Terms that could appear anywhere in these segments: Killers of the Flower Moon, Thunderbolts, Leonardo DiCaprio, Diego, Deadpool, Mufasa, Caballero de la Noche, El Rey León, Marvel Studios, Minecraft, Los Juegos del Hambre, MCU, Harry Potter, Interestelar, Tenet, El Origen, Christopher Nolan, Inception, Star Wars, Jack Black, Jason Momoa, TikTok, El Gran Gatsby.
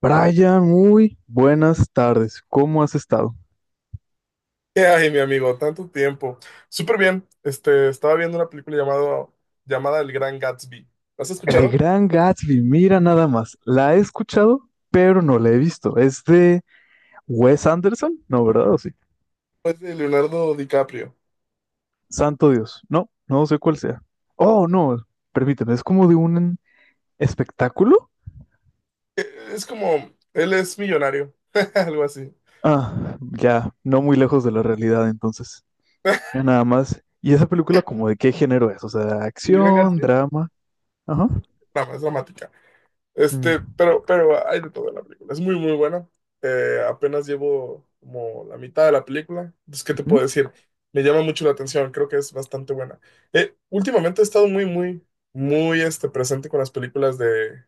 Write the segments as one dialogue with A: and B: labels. A: Brian, muy buenas tardes. ¿Cómo has estado?
B: Ay, mi amigo, tanto tiempo. Súper bien. Este, estaba viendo una película llamada El Gran Gatsby. ¿Has
A: El
B: escuchado?
A: gran Gatsby, mira nada más. La he escuchado, pero no la he visto. ¿Es de Wes Anderson? No, ¿verdad? ¿O sí?
B: Es de Leonardo DiCaprio.
A: Santo Dios. No, no sé cuál sea. Oh, no, permíteme, es como de un espectáculo.
B: Eh, Es como, él es millonario, algo así.
A: Ah, ya, no muy lejos de la realidad entonces. Mira nada más. ¿Y esa película como de qué género es? O sea,
B: El Gran
A: acción,
B: Gatsby,
A: drama. Ajá.
B: yo creo que es drama, es dramática.
A: Mm,
B: Este, pero hay de todo en la película. Es muy, muy buena. Apenas llevo como la mitad de la película. Entonces, ¿qué te
A: ujú.
B: puedo decir? Me llama mucho la atención. Creo que es bastante buena. Últimamente he estado muy, muy, muy presente con las películas de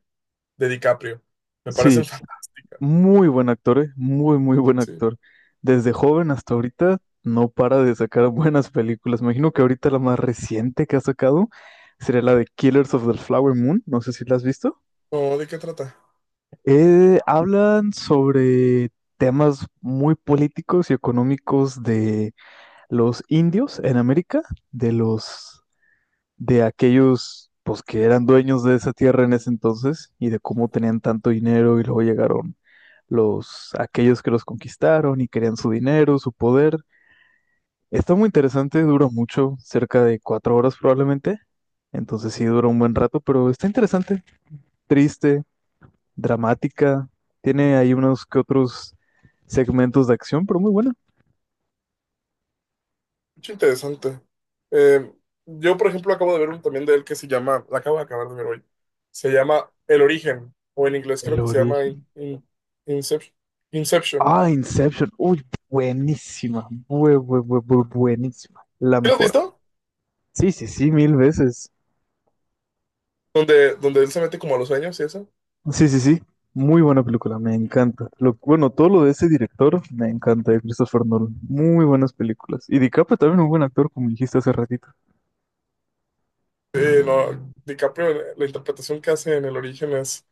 B: DiCaprio. Me
A: Sí,
B: parecen fantásticas.
A: muy buen actor, ¿eh? Muy, muy buen
B: Sí.
A: actor. Desde joven hasta ahorita no para de sacar buenas películas. Me imagino que ahorita la más reciente que ha sacado sería la de Killers of the Flower Moon. No sé si la has visto.
B: No, ¿de qué trata?
A: Hablan sobre temas muy políticos y económicos de los indios en América, de los, de aquellos, pues, que eran dueños de esa tierra en ese entonces y de cómo tenían tanto dinero y luego llegaron los aquellos que los conquistaron y querían su dinero, su poder. Está muy interesante, dura mucho, cerca de 4 horas probablemente. Entonces sí dura un buen rato, pero está interesante, triste, dramática. Tiene ahí unos que otros segmentos de acción, pero muy buena.
B: Mucho interesante. Eh, yo, por ejemplo, acabo de ver un también de él que se llama, la acabo de acabar de ver hoy, se llama El Origen, o en inglés creo
A: El
B: que se llama
A: origen.
B: Inception. Inception.
A: Ah, Inception. Uy, buenísima. Buenísima. La
B: ¿Sí? ¿Lo has
A: mejor.
B: visto?
A: Sí, sí, sí, 1000 veces.
B: Donde él se mete como a los sueños y eso.
A: Sí, sí, sí. Muy buena película, me encanta. Lo, bueno, todo lo de ese director me encanta, de Christopher Nolan. Muy buenas películas. Y DiCaprio también un buen actor, como dijiste hace ratito.
B: Sí, no, DiCaprio, la interpretación que hace en El Origen es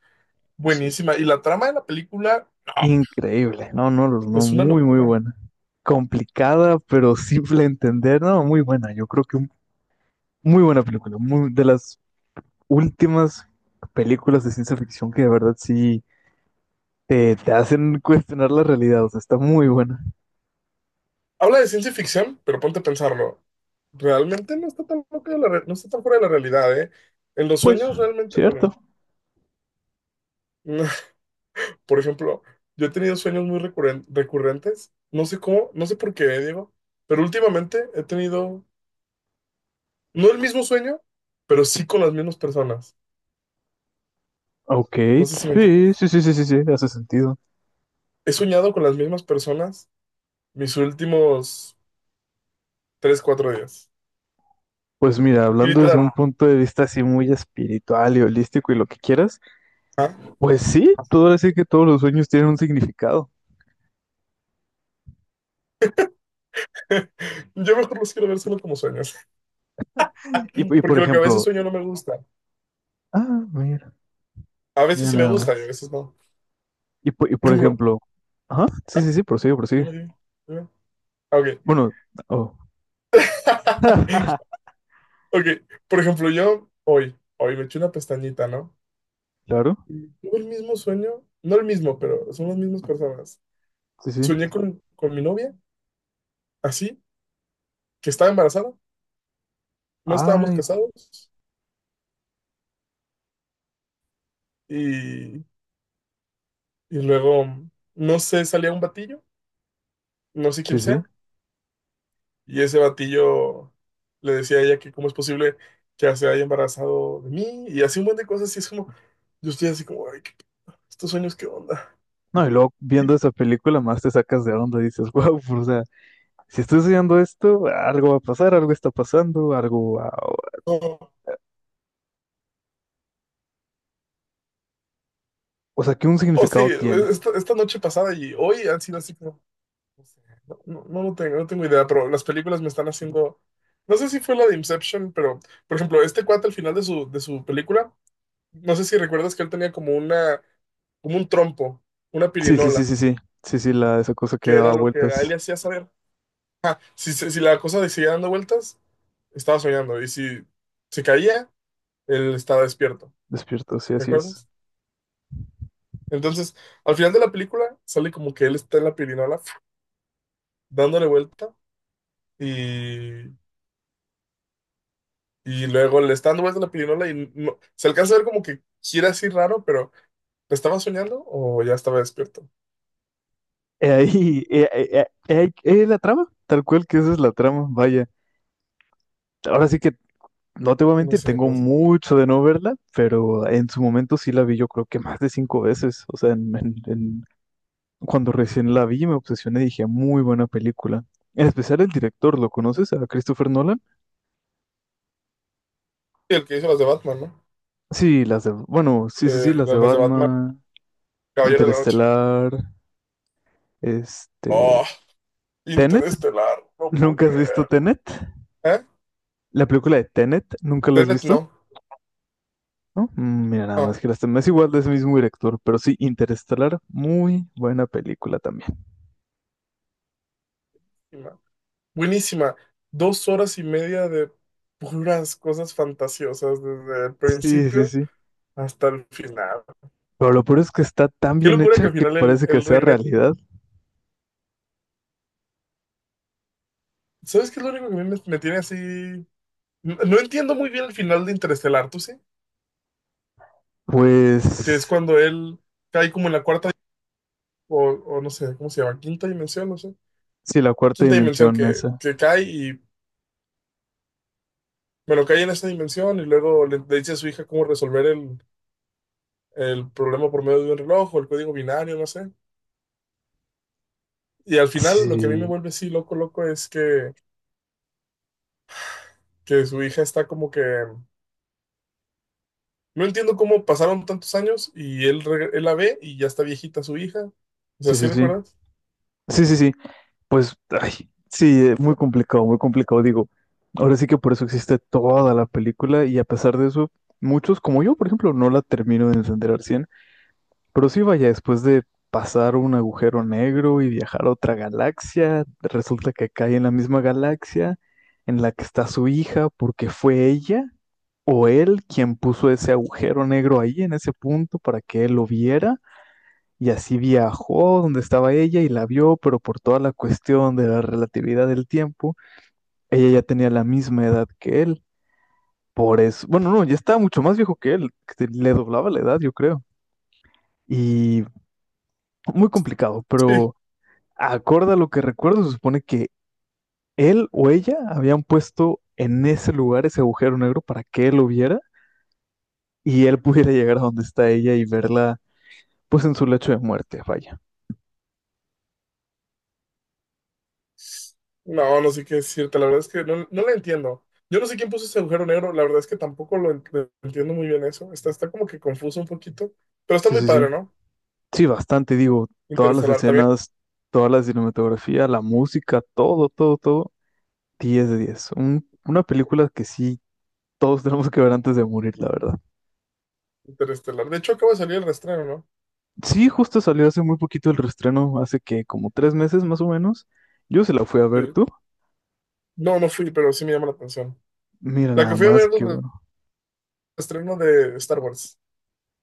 A: Sí.
B: buenísima. Y la trama de la película, no,
A: Increíble. No, no, no, no,
B: es una
A: muy, muy
B: locura.
A: buena. Complicada, pero simple de entender. No, muy buena. Yo creo que un- muy buena película. Muy, de las últimas películas de ciencia ficción que de verdad sí te hacen cuestionar la realidad. O sea, está muy buena.
B: Habla de ciencia ficción, pero ponte a pensarlo. Realmente no está tan loca de la re- no está tan fuera de la realidad, ¿eh? En los
A: Pues,
B: sueños realmente, bueno,
A: cierto.
B: por ejemplo, yo he tenido sueños muy recurrentes, no sé cómo, no sé por qué, ¿eh, Diego? Pero últimamente he tenido, no el mismo sueño, pero sí con las mismas personas.
A: Ok,
B: No sé si me
A: sí,
B: entiendes.
A: sí, sí, sí, sí, sí, hace sentido.
B: He soñado con las mismas personas mis últimos 3, 4 días.
A: Pues mira,
B: Y
A: hablando desde
B: literal,
A: un punto de vista así muy espiritual y holístico y lo que quieras, pues sí, todo ahora sí que todos los sueños tienen un significado.
B: yo mejor los quiero ver solo como sueños,
A: Y, y por
B: porque lo que a veces
A: ejemplo,
B: sueño no me gusta.
A: ah, mira,
B: A veces
A: mira
B: sí me
A: nada
B: gusta y a
A: más.
B: veces no.
A: Y
B: Por
A: por
B: ejemplo,
A: ejemplo, ajá, sí, sí, sí, prosigue, prosigue.
B: dime, dime, dime. Ah, ok.
A: Bueno, oh,
B: Ok, por ejemplo, yo hoy, me eché una pestañita, ¿no?
A: claro,
B: Y tuve el mismo sueño, no el mismo, pero son las mismas personas.
A: sí, sí.
B: Soñé con mi novia, así, que estaba embarazada, no estábamos
A: Ay,
B: casados, y luego, no sé, salía un batillo, no sé
A: sí,
B: quién
A: sí.
B: sea. Y ese batillo le decía a ella que cómo es posible que se haya embarazado de mí y así un montón de cosas. Y es como, yo estoy así como, ay, qué estos sueños, ¿qué onda?
A: No, y luego
B: Y
A: viendo esa película más te sacas de onda, dices, wow, o sea, si estoy soñando esto, algo va a pasar, algo está pasando, algo, va-
B: no,
A: O sea, que un
B: o sí,
A: significado tiene.
B: esta noche pasada y hoy han sido así como, no sé, no, no, no lo tengo, no tengo idea, pero las películas me están haciendo, no sé si fue la de Inception, pero, por ejemplo, este cuate al final de su película, no sé si recuerdas que él tenía como un trompo, una
A: Sí, sí, sí,
B: pirinola,
A: sí, sí. Sí, sí, la, esa cosa que
B: que
A: da
B: era lo que a él
A: vueltas
B: le hacía saber Si la cosa seguía dando vueltas, estaba soñando. Y si se caía, él estaba despierto.
A: despierto, sí,
B: ¿Me
A: así es.
B: acuerdas? Entonces, al final de la película, sale como que él está en la pirinola, dándole vuelta. Y, y luego le está dando vuelta la pirinola y se alcanza a ver como que gira así raro, pero ¿estaba soñando o ya estaba despierto?
A: He ahí, he- he- he- he ahí- he la trama, tal cual que esa es la trama, vaya. Ahora sí que no te voy a
B: No
A: mentir,
B: sé,
A: tengo
B: por eso.
A: mucho de no verla, pero en su momento sí la vi yo creo que más de cinco veces, o sea, en cuando recién la vi, me obsesioné y dije, muy buena película. En especial el director, ¿lo conoces? ¿A Christopher Nolan?
B: Y el que hizo las de Batman, ¿no?
A: Sí, las de, bueno, sí, sí, sí,
B: Eh,
A: las de
B: las las de Batman,
A: Batman,
B: Caballero de la Noche.
A: Interestelar, este,
B: Oh,
A: Tenet.
B: Interestelar, no puedo
A: ¿Nunca has visto
B: creerlo.
A: Tenet?
B: ¿Eh?
A: La película de Tenet, ¿nunca la has
B: Tenet no.
A: visto? ¿No? Mm, mira, nada más que las temas igual de ese mismo director, pero sí, Interestelar, muy buena película también.
B: No. Buenísima. 2 horas y media de puras cosas fantasiosas desde el
A: Sí, sí,
B: principio
A: sí.
B: hasta el final.
A: Pero lo peor es que está tan
B: Qué
A: bien
B: locura que
A: hecha
B: al
A: que
B: final él,
A: parece que
B: él
A: sea
B: regresa.
A: realidad.
B: ¿Sabes qué es lo único que a mí me tiene así? No, no entiendo muy bien el final de Interestelar, ¿tú sí? Que es
A: Pues
B: cuando él cae como en la cuarta o no sé, ¿cómo se llama? Quinta dimensión, no sé.
A: sí, la cuarta
B: Quinta dimensión
A: dimensión
B: que,
A: esa.
B: que cae y, bueno, cae en esta dimensión y luego le dice a su hija cómo resolver el problema por medio de un reloj o el código binario, no sé. Y al final lo que a mí me
A: Sí,
B: vuelve así loco, loco es que su hija está como que... No entiendo cómo pasaron tantos años y él la ve y ya está viejita su hija. O sea,
A: sí,
B: ¿sí
A: sí, sí.
B: recuerdas?
A: Sí, sí, sí. Pues, ay, sí, muy complicado, muy complicado. Digo, ahora sí que por eso existe toda la película y a pesar de eso, muchos, como yo, por ejemplo, no la termino de entender al 100. Pero sí, vaya, después de pasar un agujero negro y viajar a otra galaxia, resulta que cae en la misma galaxia en la que está su hija porque fue ella o él quien puso ese agujero negro ahí en ese punto para que él lo viera. Y así viajó donde estaba ella y la vio, pero por toda la cuestión de la relatividad del tiempo, ella ya tenía la misma edad que él. Por eso, bueno, no, ya estaba mucho más viejo que él, que le doblaba la edad, yo creo. Y muy complicado, pero acorde a lo que recuerdo, se supone que él o ella habían puesto en ese lugar ese agujero negro para que él lo viera y él pudiera llegar a donde está ella y verla, pues en su lecho de muerte, vaya.
B: Sí. No, no sé qué decirte. La verdad es que no, no la entiendo. Yo no sé quién puso ese agujero negro. La verdad es que tampoco lo entiendo muy bien eso. Está como que confuso un poquito. Pero está
A: Sí,
B: muy
A: sí,
B: padre,
A: sí.
B: ¿no?
A: Sí, bastante, digo, todas las
B: Interestelar también.
A: escenas, toda la cinematografía, la música, todo, todo, todo, 10 de 10. Una película que sí todos tenemos que ver antes de morir, la verdad.
B: Interestelar. De hecho, acaba de salir el reestreno, ¿no?
A: Sí, justo salió hace muy poquito el reestreno, hace que como 3 meses más o menos. Yo se la fui a ver
B: Sí.
A: tú.
B: No, no fui, pero sí me llama la atención.
A: Mira
B: La que
A: nada
B: fui a ver
A: más
B: el
A: que bueno.
B: reestreno de Star Wars.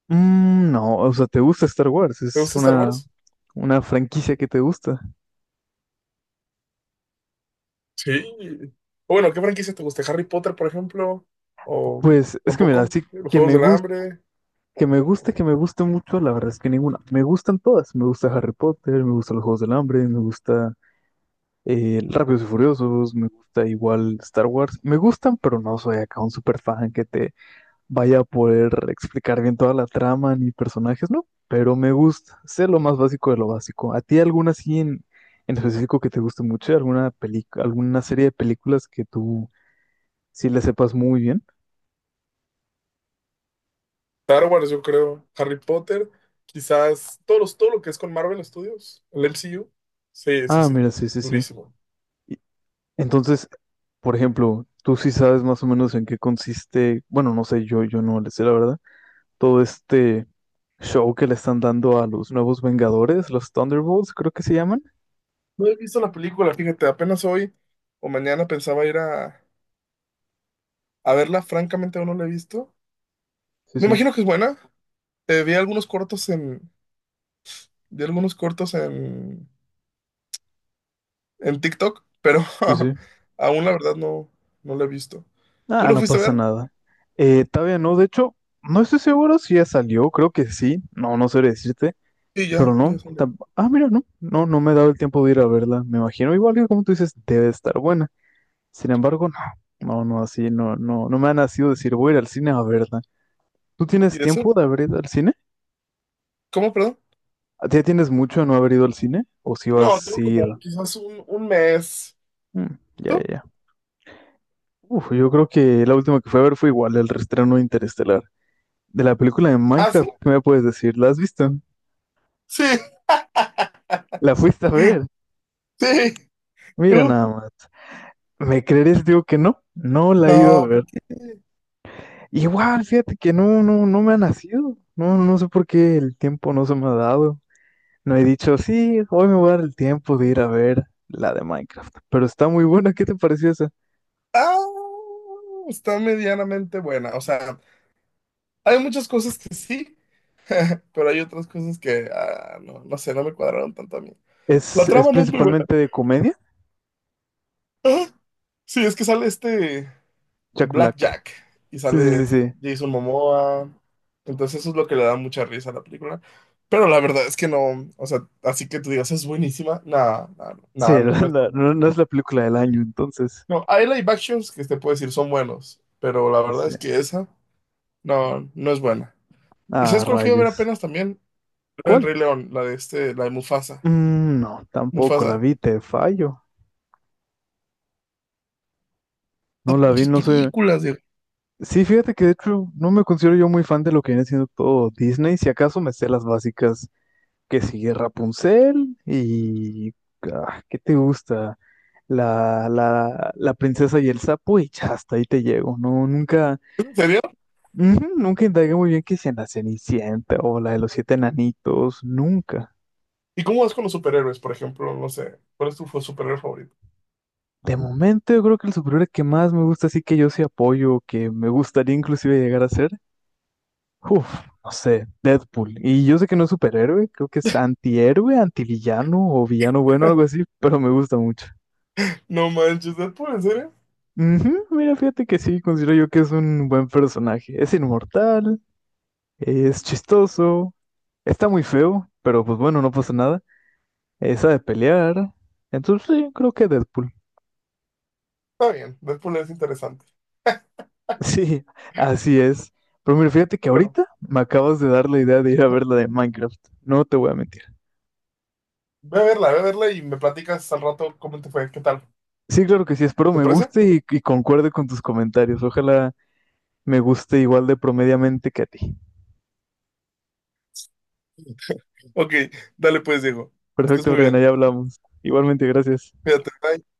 A: Mm, no, o sea, ¿te gusta Star Wars?
B: ¿Te
A: Es
B: gusta Star Wars?
A: una franquicia que te gusta.
B: Sí, o bueno, ¿qué franquicia te gusta? ¿Harry Potter, por ejemplo? ¿O
A: Pues es que mira,
B: tampoco?
A: sí
B: ¿Los
A: que
B: Juegos
A: me
B: del
A: gusta.
B: Hambre?
A: Que me guste mucho, la verdad es que ninguna. Me gustan todas. Me gusta Harry Potter, me gustan los Juegos del Hambre, me gusta Rápidos y Furiosos, me gusta igual Star Wars. Me gustan, pero no soy acá un super fan que te vaya a poder explicar bien toda la trama ni personajes, no. Pero me gusta. Sé lo más básico de lo básico. ¿A ti alguna así en específico que te guste mucho? ¿Alguna película, alguna serie de películas que tú sí le sepas muy bien?
B: Star Wars, yo creo. Harry Potter. Quizás todo lo que es con Marvel Studios. El MCU. Sí, sí,
A: Ah,
B: sí.
A: mira, sí, sí, sí.
B: Durísimo.
A: Entonces, por ejemplo, tú sí sabes más o menos en qué consiste, bueno, no sé, yo no le sé la verdad, todo este show que le están dando a los nuevos Vengadores, los Thunderbolts, creo que se llaman.
B: No he visto la película, fíjate. Apenas hoy o mañana pensaba ir a verla. Francamente, aún no la he visto.
A: Sí,
B: Me
A: sí,
B: imagino que es buena. Eh, vi algunos cortos en... Vi algunos cortos en TikTok, pero
A: sí, sí.
B: aún la verdad no, no la he visto. ¿Tú
A: Ah,
B: lo
A: no
B: fuiste a
A: pasa
B: ver?
A: nada. Todavía no, de hecho, no estoy seguro si ya salió, creo que sí, no, no sé decirte,
B: Sí,
A: pero
B: ya,
A: no.
B: ya salió.
A: Ah, mira, no, no, no me he dado el tiempo de ir a verla, me imagino, igual que como tú dices, debe estar buena. Sin embargo, no, no, no, así, no, no, no me ha nacido decir, voy a ir al cine a verla. ¿Tú tienes
B: ¿Y eso?
A: tiempo de haber ido al cine?
B: ¿Cómo, perdón?
A: ¿Ya tienes mucho de no haber ido al cine? ¿O si vas
B: No,
A: has
B: tengo como
A: ido?
B: quizás un mes.
A: Mm, ya, ya,
B: ¿Tú?
A: ya. Uf, yo creo que la última que fui a ver fue igual, el reestreno de Interestelar. De la película de
B: ¿Ah, sí?
A: Minecraft, ¿qué me puedes decir? ¿La has visto?
B: Sí,
A: ¿La fuiste a ver?
B: sí,
A: Mira
B: tú.
A: nada más. ¿Me crees? Digo que no. No la he ido
B: No,
A: a ver.
B: porque...
A: Igual, fíjate que no, no, no me ha nacido. No, no sé por qué el tiempo no se me ha dado. No he dicho, sí, hoy me voy a dar el tiempo de ir a ver la de Minecraft. Pero está muy buena, ¿qué te pareció esa?
B: Ah, está medianamente buena. O sea, hay muchas cosas que sí, pero hay otras cosas que, ah, no, no sé, no me cuadraron tanto a mí. La
A: Es
B: trama no es muy buena.
A: principalmente de comedia,
B: Ah, sí, es que sale este...
A: Jack Black.
B: Blackjack y
A: Sí, sí,
B: sale
A: sí,
B: este,
A: sí.
B: Jason Momoa. Entonces eso es lo que le da mucha risa a la película. Pero la verdad es que no, o sea, así que tú digas, es buenísima. Nada, nada,
A: Sí,
B: nada, no, no es.
A: no, no es la película del año, entonces.
B: No, hay live actions que te puedo decir son buenos, pero la
A: Sí,
B: verdad
A: sí.
B: es que esa no, no es buena.
A: Ah,
B: ¿Sabes cuál fui a ver
A: rayos.
B: apenas también? Era El
A: ¿Cuál?
B: Rey León, la de este, la de Mufasa.
A: Mm, no, tampoco la
B: Mufasa.
A: vi, te fallo.
B: A
A: No
B: ver
A: la vi,
B: muchas
A: no sé.
B: películas, Diego.
A: Sí, fíjate que de hecho no me considero yo muy fan de lo que viene siendo todo Disney. Si acaso me sé las básicas que sigue Rapunzel y... ah, ¿qué te gusta? La princesa y el sapo y ya hasta ahí te llego. No, nunca,
B: ¿En serio?
A: ujú, nunca indagué muy bien qué si la Cenicienta o la de los siete enanitos, nunca.
B: ¿Y cómo vas con los superhéroes, por ejemplo? No sé, ¿cuál es tu superhéroe favorito?
A: De momento yo creo que el superhéroe que más me gusta, así que yo sí apoyo, que me gustaría inclusive llegar a ser, uf, no sé, Deadpool. Y yo sé que no es superhéroe, creo que es antihéroe, antivillano o villano bueno, algo así, pero me gusta mucho.
B: No manches, ¿es por en serio?
A: Ujú, mira, fíjate que sí, considero yo que es un buen personaje. Es inmortal, es chistoso, está muy feo, pero pues bueno, no pasa nada. Esa de pelear. Entonces, sí, creo que Deadpool.
B: Está bien, Deadpool es interesante.
A: Sí, así es. Pero mira, fíjate que
B: Bueno,
A: ahorita me acabas de dar la idea de ir a ver la de Minecraft. No te voy a mentir.
B: ve a verla y me platicas al rato cómo te fue, qué tal.
A: Sí, claro que sí, espero
B: ¿Te
A: me
B: parece?
A: guste y concuerde con tus comentarios. Ojalá me guste igual de promediamente que a ti.
B: Ok, dale pues, Diego. Estés
A: Perfecto,
B: muy
A: Brian, ya
B: bien.
A: hablamos. Igualmente, gracias.
B: Cuídate, bye.